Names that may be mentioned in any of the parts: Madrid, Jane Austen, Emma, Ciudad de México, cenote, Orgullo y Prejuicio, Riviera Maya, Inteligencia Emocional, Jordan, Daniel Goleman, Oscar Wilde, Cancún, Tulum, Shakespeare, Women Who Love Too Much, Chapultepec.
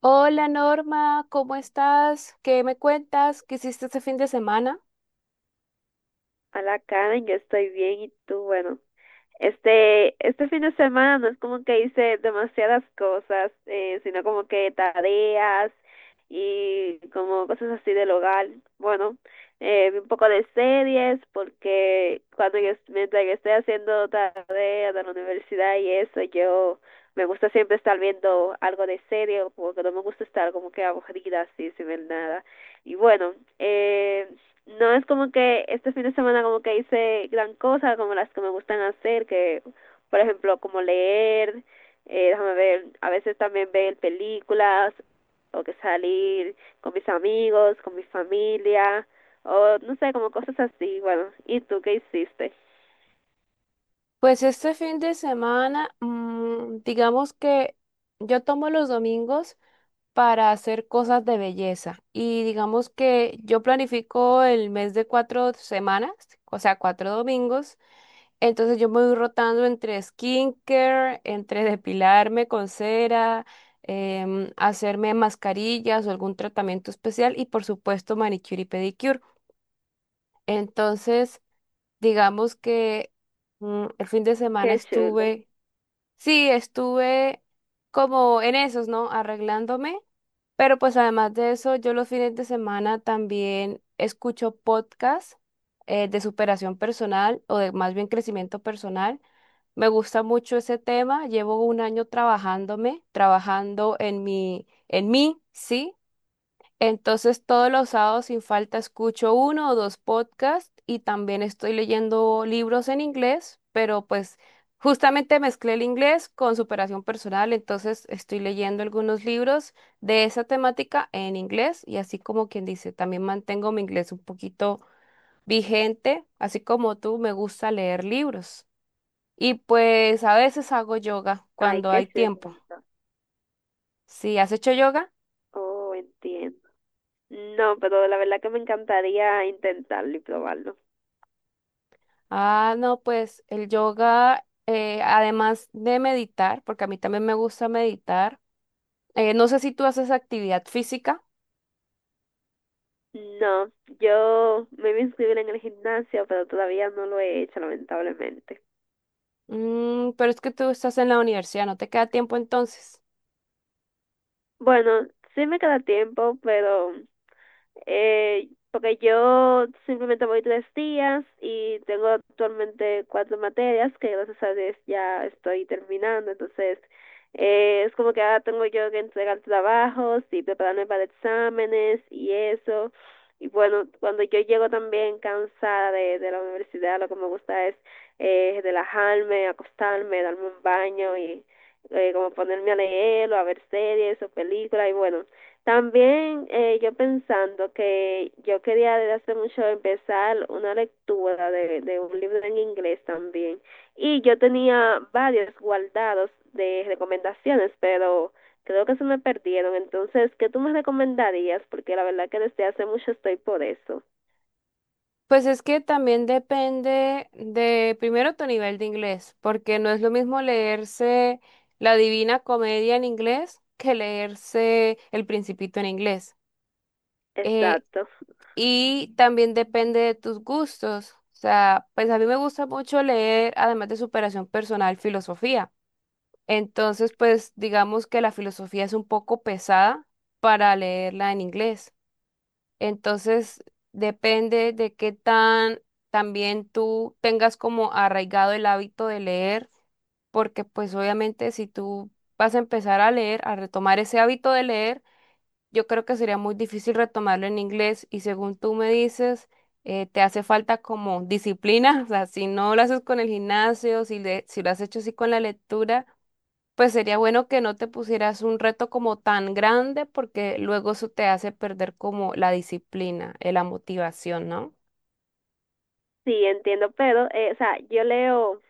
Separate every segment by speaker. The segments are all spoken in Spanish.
Speaker 1: Hola Norma, ¿cómo estás? ¿Qué me cuentas? ¿Qué hiciste este fin de semana?
Speaker 2: Hola Karen, yo estoy bien, ¿y tú? Bueno, este fin de semana no es como que hice demasiadas cosas, sino como que tareas y como cosas así del hogar. Bueno, vi un poco de series porque mientras yo estoy haciendo tareas de la universidad y eso, yo me gusta siempre estar viendo algo de serie porque no me gusta estar como que aburrida así sin ver nada. Y bueno, no es como que este fin de semana como que hice gran cosa, como las que me gustan hacer, que por ejemplo como leer, déjame ver, a veces también ver películas, o que salir con mis amigos, con mi familia, o no sé, como cosas así. Bueno, ¿y tú qué hiciste?
Speaker 1: Pues este fin de semana, digamos que yo tomo los domingos para hacer cosas de belleza y digamos que yo planifico el mes de 4 semanas, o sea, cuatro domingos, entonces yo me voy rotando entre skincare, entre depilarme con cera. Hacerme mascarillas o algún tratamiento especial y por supuesto manicure y pedicure. Entonces, digamos que, el fin de semana
Speaker 2: Qué chulo.
Speaker 1: estuve, sí, estuve como en esos, ¿no? Arreglándome, pero pues además de eso, yo los fines de semana también escucho podcasts de superación personal o de más bien crecimiento personal. Me gusta mucho ese tema, llevo un año trabajándome, trabajando en mi, en mí, sí. Entonces todos los sábados sin falta escucho uno o dos podcasts y también estoy leyendo libros en inglés, pero pues justamente mezclé el inglés con superación personal, entonces estoy leyendo algunos libros de esa temática en inglés y así como quien dice, también mantengo mi inglés un poquito vigente, así como tú me gusta leer libros. Y pues a veces hago yoga
Speaker 2: Ay,
Speaker 1: cuando
Speaker 2: qué
Speaker 1: hay
Speaker 2: chulo.
Speaker 1: tiempo. ¿Sí has hecho yoga?
Speaker 2: Oh, entiendo. No, pero la verdad que me encantaría intentarlo y probarlo.
Speaker 1: Ah, no, pues el yoga, además de meditar, porque a mí también me gusta meditar, no sé si tú haces actividad física.
Speaker 2: No, yo me voy a inscribir en el gimnasio, pero todavía no lo he hecho, lamentablemente.
Speaker 1: Pero es que tú estás en la universidad, no te queda tiempo entonces.
Speaker 2: Bueno, sí me queda tiempo, pero porque yo simplemente voy tres días y tengo actualmente cuatro materias que, gracias a Dios, ya estoy terminando. Entonces, es como que ahora tengo yo que entregar trabajos y prepararme para exámenes y eso. Y bueno, cuando yo llego también cansada de la universidad, lo que me gusta es relajarme, acostarme, darme un baño y como ponerme a leer o a ver series o películas. Y bueno, también yo pensando que yo quería desde hace mucho empezar una lectura de un libro en inglés también. Y yo tenía varios guardados de recomendaciones, pero creo que se me perdieron. Entonces, ¿qué tú me recomendarías? Porque la verdad que desde hace mucho estoy por eso.
Speaker 1: Pues es que también depende de, primero, tu nivel de inglés, porque no es lo mismo leerse La Divina Comedia en inglés que leerse El Principito en inglés. Eh,
Speaker 2: Exacto.
Speaker 1: Y también depende de tus gustos. O sea, pues a mí me gusta mucho leer, además de superación personal, filosofía. Entonces, pues digamos que la filosofía es un poco pesada para leerla en inglés. Entonces, depende de qué tan también tú tengas como arraigado el hábito de leer, porque pues obviamente si tú vas a empezar a leer, a retomar ese hábito de leer, yo creo que sería muy difícil retomarlo en inglés y según tú me dices, te hace falta como disciplina. O sea, si no lo haces con el gimnasio, si, si lo has hecho así con la lectura, pues sería bueno que no te pusieras un reto como tan grande porque luego eso te hace perder como la disciplina, la motivación, ¿no?
Speaker 2: Sí, entiendo, pero, o sea, yo leo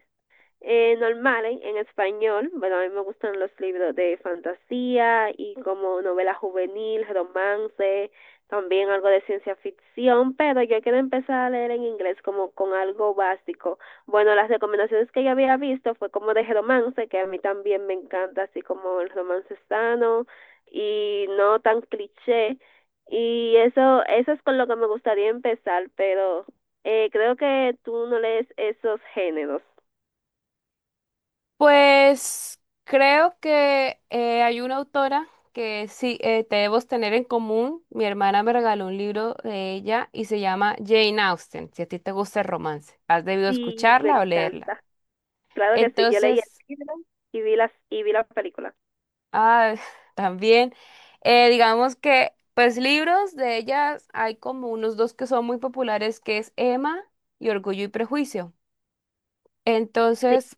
Speaker 2: normales en español. Bueno, a mí me gustan los libros de fantasía y como novela juvenil, romance, también algo de ciencia ficción, pero yo quiero empezar a leer en inglés como con algo básico. Bueno, las recomendaciones que yo había visto fue como de romance, que a mí también me encanta, así como el romance sano y no tan cliché. Y eso es con lo que me gustaría empezar, pero creo que tú no lees esos géneros.
Speaker 1: Pues creo que hay una autora que sí, debemos tener en común. Mi hermana me regaló un libro de ella y se llama Jane Austen. Si a ti te gusta el romance, has debido
Speaker 2: Sí, me
Speaker 1: escucharla o leerla.
Speaker 2: encanta. Claro que sí, yo leí el
Speaker 1: Entonces,
Speaker 2: libro y vi las y vi la película.
Speaker 1: ah, también, digamos que, pues libros de ellas hay como unos dos que son muy populares, que es Emma y Orgullo y Prejuicio.
Speaker 2: Sí,
Speaker 1: Entonces,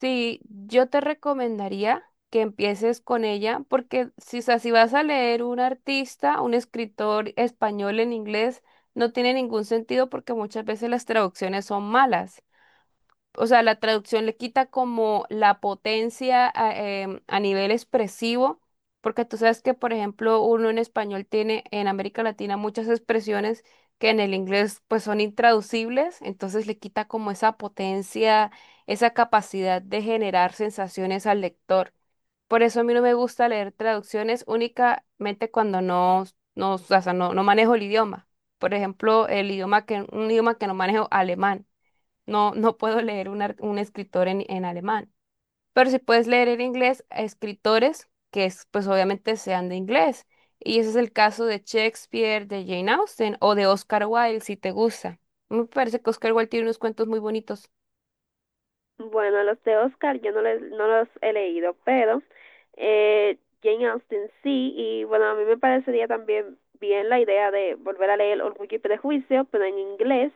Speaker 1: sí, yo te recomendaría que empieces con ella, porque si, o sea, si vas a leer un artista, un escritor español en inglés, no tiene ningún sentido porque muchas veces las traducciones son malas, o sea, la traducción le quita como la potencia a, a nivel expresivo, porque tú sabes que, por ejemplo, uno en español tiene en América Latina muchas expresiones que en el inglés pues son intraducibles, entonces le quita como esa potencia, esa capacidad de generar sensaciones al lector. Por eso a mí no me gusta leer traducciones únicamente cuando no, no, o sea, no, no manejo el idioma. Por ejemplo, el idioma que, un idioma que no manejo, alemán. No, no puedo leer un, un escritor en alemán, pero si puedes leer en inglés a escritores que es, pues obviamente sean de inglés. Y ese es el caso de Shakespeare, de Jane Austen o de Oscar Wilde, si te gusta. Me parece que Oscar Wilde tiene unos cuentos muy bonitos.
Speaker 2: bueno, los de Oscar yo no los he leído, pero eh, Jane Austen sí. Y bueno, a mí me parecería también bien la idea de volver a leer Orgullo y Prejuicio, pero en inglés.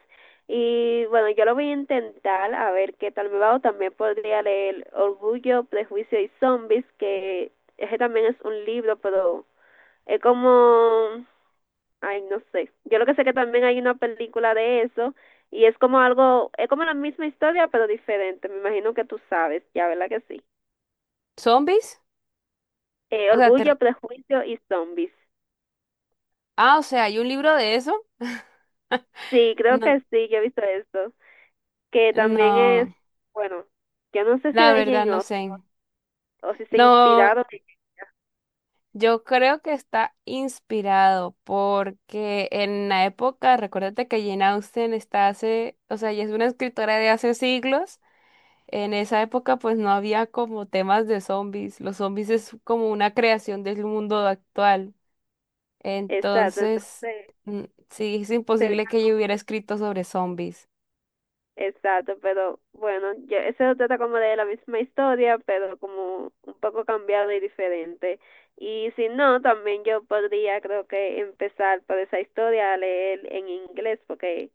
Speaker 2: Y bueno, yo lo voy a intentar a ver qué tal me va, o también podría leer Orgullo, Prejuicio y Zombies, que ese también es un libro, pero es como... Ay, no sé. Yo lo que sé que también hay una película de eso y es como algo, es como la misma historia pero diferente. Me imagino que tú sabes ya, ¿verdad que sí?
Speaker 1: ¿Zombies? O sea,
Speaker 2: Orgullo,
Speaker 1: te
Speaker 2: Prejuicio y Zombies.
Speaker 1: ah, o sea, ¿hay un libro de eso?
Speaker 2: Sí, creo
Speaker 1: No,
Speaker 2: que sí, yo he visto esto. Que también es,
Speaker 1: no,
Speaker 2: bueno, yo no sé si
Speaker 1: la
Speaker 2: de
Speaker 1: verdad
Speaker 2: Jane
Speaker 1: no
Speaker 2: Austen
Speaker 1: sé.
Speaker 2: o si se
Speaker 1: No,
Speaker 2: inspiraron.
Speaker 1: yo creo que está inspirado porque en la época, recuérdate que Jane Austen está hace, o sea, ella es una escritora de hace siglos. En esa época, pues no había como temas de zombies. Los zombies es como una creación del mundo actual.
Speaker 2: Exacto,
Speaker 1: Entonces,
Speaker 2: entonces...
Speaker 1: mm, sí, es imposible que ella hubiera escrito sobre zombies.
Speaker 2: Exacto, pero bueno, eso se trata como de la misma historia, pero como un poco cambiado y diferente. Y si no, también yo podría, creo que, empezar por esa historia a leer en inglés, porque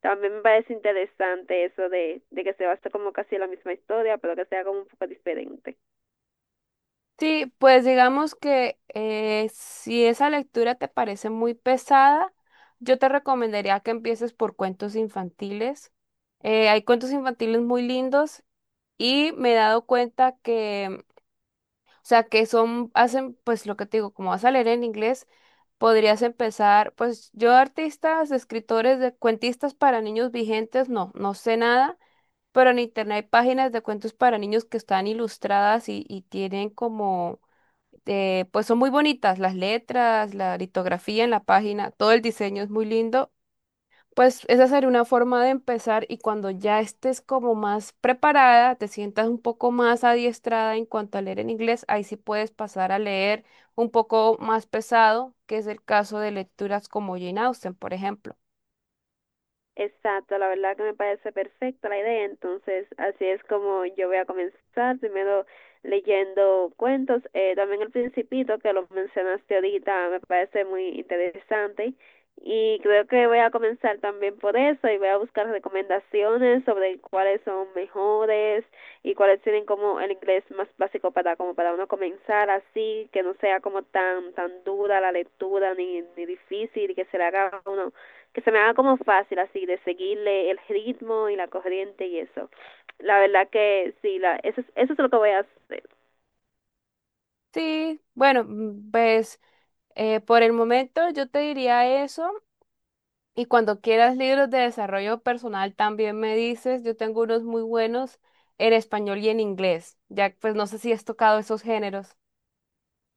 Speaker 2: también me parece interesante eso de que se basa como casi la misma historia, pero que sea como un poco diferente.
Speaker 1: Sí, pues digamos que, si esa lectura te parece muy pesada, yo te recomendaría que empieces por cuentos infantiles. Hay cuentos infantiles muy lindos y me he dado cuenta que, o sea, que son, hacen, pues lo que te digo, como vas a leer en inglés, podrías empezar, pues yo artistas, escritores, de cuentistas para niños vigentes, no, no sé nada, pero en internet hay páginas de cuentos para niños que están ilustradas y tienen como, pues son muy bonitas las letras, la litografía en la página, todo el diseño es muy lindo. Pues esa sería una forma de empezar y cuando ya estés como más preparada, te sientas un poco más adiestrada en cuanto a leer en inglés, ahí sí puedes pasar a leer un poco más pesado, que es el caso de lecturas como Jane Austen, por ejemplo.
Speaker 2: Exacto, la verdad que me parece perfecta la idea, entonces así es como yo voy a comenzar, primero leyendo cuentos, también El Principito, que lo mencionaste ahorita, me parece muy interesante y creo que voy a comenzar también por eso. Y voy a buscar recomendaciones sobre cuáles son mejores y cuáles tienen como el inglés más básico para como para uno comenzar así, que no sea como tan tan dura la lectura ni difícil y que se le haga a uno, que se me haga como fácil así de seguirle el ritmo y la corriente y eso. La verdad que sí, eso es lo que voy a hacer.
Speaker 1: Sí, bueno, pues por el momento yo te diría eso. Y cuando quieras libros de desarrollo personal, también me dices, yo tengo unos muy buenos en español y en inglés. Ya, pues no sé si has tocado esos géneros.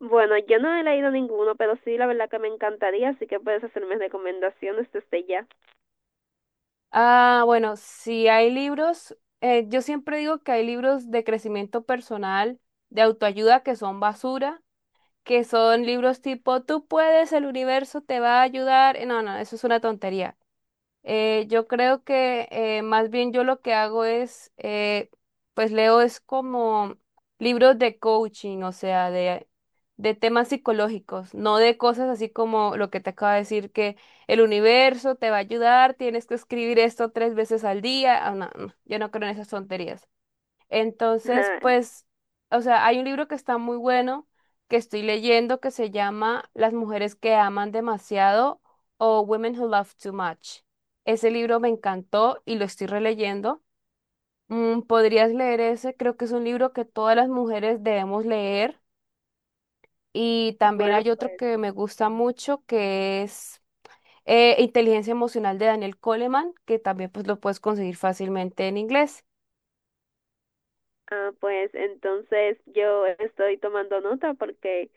Speaker 2: Bueno, yo no he leído ninguno, pero sí, la verdad que me encantaría, así que puedes hacerme recomendaciones desde ya.
Speaker 1: Ah, bueno, si hay libros, yo siempre digo que hay libros de crecimiento personal, de autoayuda que son basura, que son libros tipo, tú puedes, el universo te va a ayudar. No, no, eso es una tontería. Yo creo que más bien yo lo que hago es, pues leo es como libros de coaching, o sea, de temas psicológicos, no de cosas así como lo que te acabo de decir, que el universo te va a ayudar, tienes que escribir esto 3 veces al día. Ah, no, no, yo no creo en esas tonterías. Entonces, pues, o sea, hay un libro que está muy bueno que estoy leyendo que se llama Las mujeres que aman demasiado o Women Who Love Too Much. Ese libro me encantó y lo estoy releyendo. Mm, podrías leer ese, creo que es un libro que todas las mujeres debemos leer. Y también
Speaker 2: Bueno,
Speaker 1: hay otro
Speaker 2: pues...
Speaker 1: que me gusta mucho que es, Inteligencia Emocional de Daniel Coleman, que también pues lo puedes conseguir fácilmente en inglés.
Speaker 2: Ah, pues entonces yo estoy tomando nota porque...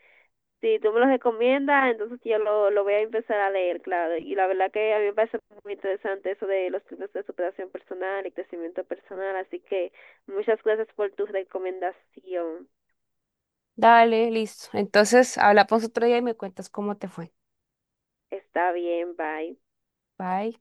Speaker 2: Si tú me los recomiendas, entonces yo lo voy a empezar a leer, claro. Y la verdad que a mí me parece muy interesante eso de los libros de superación personal y crecimiento personal. Así que muchas gracias por tu recomendación.
Speaker 1: Dale, listo. Entonces, hablamos otro día y me cuentas cómo te fue.
Speaker 2: Está bien, bye.
Speaker 1: Bye.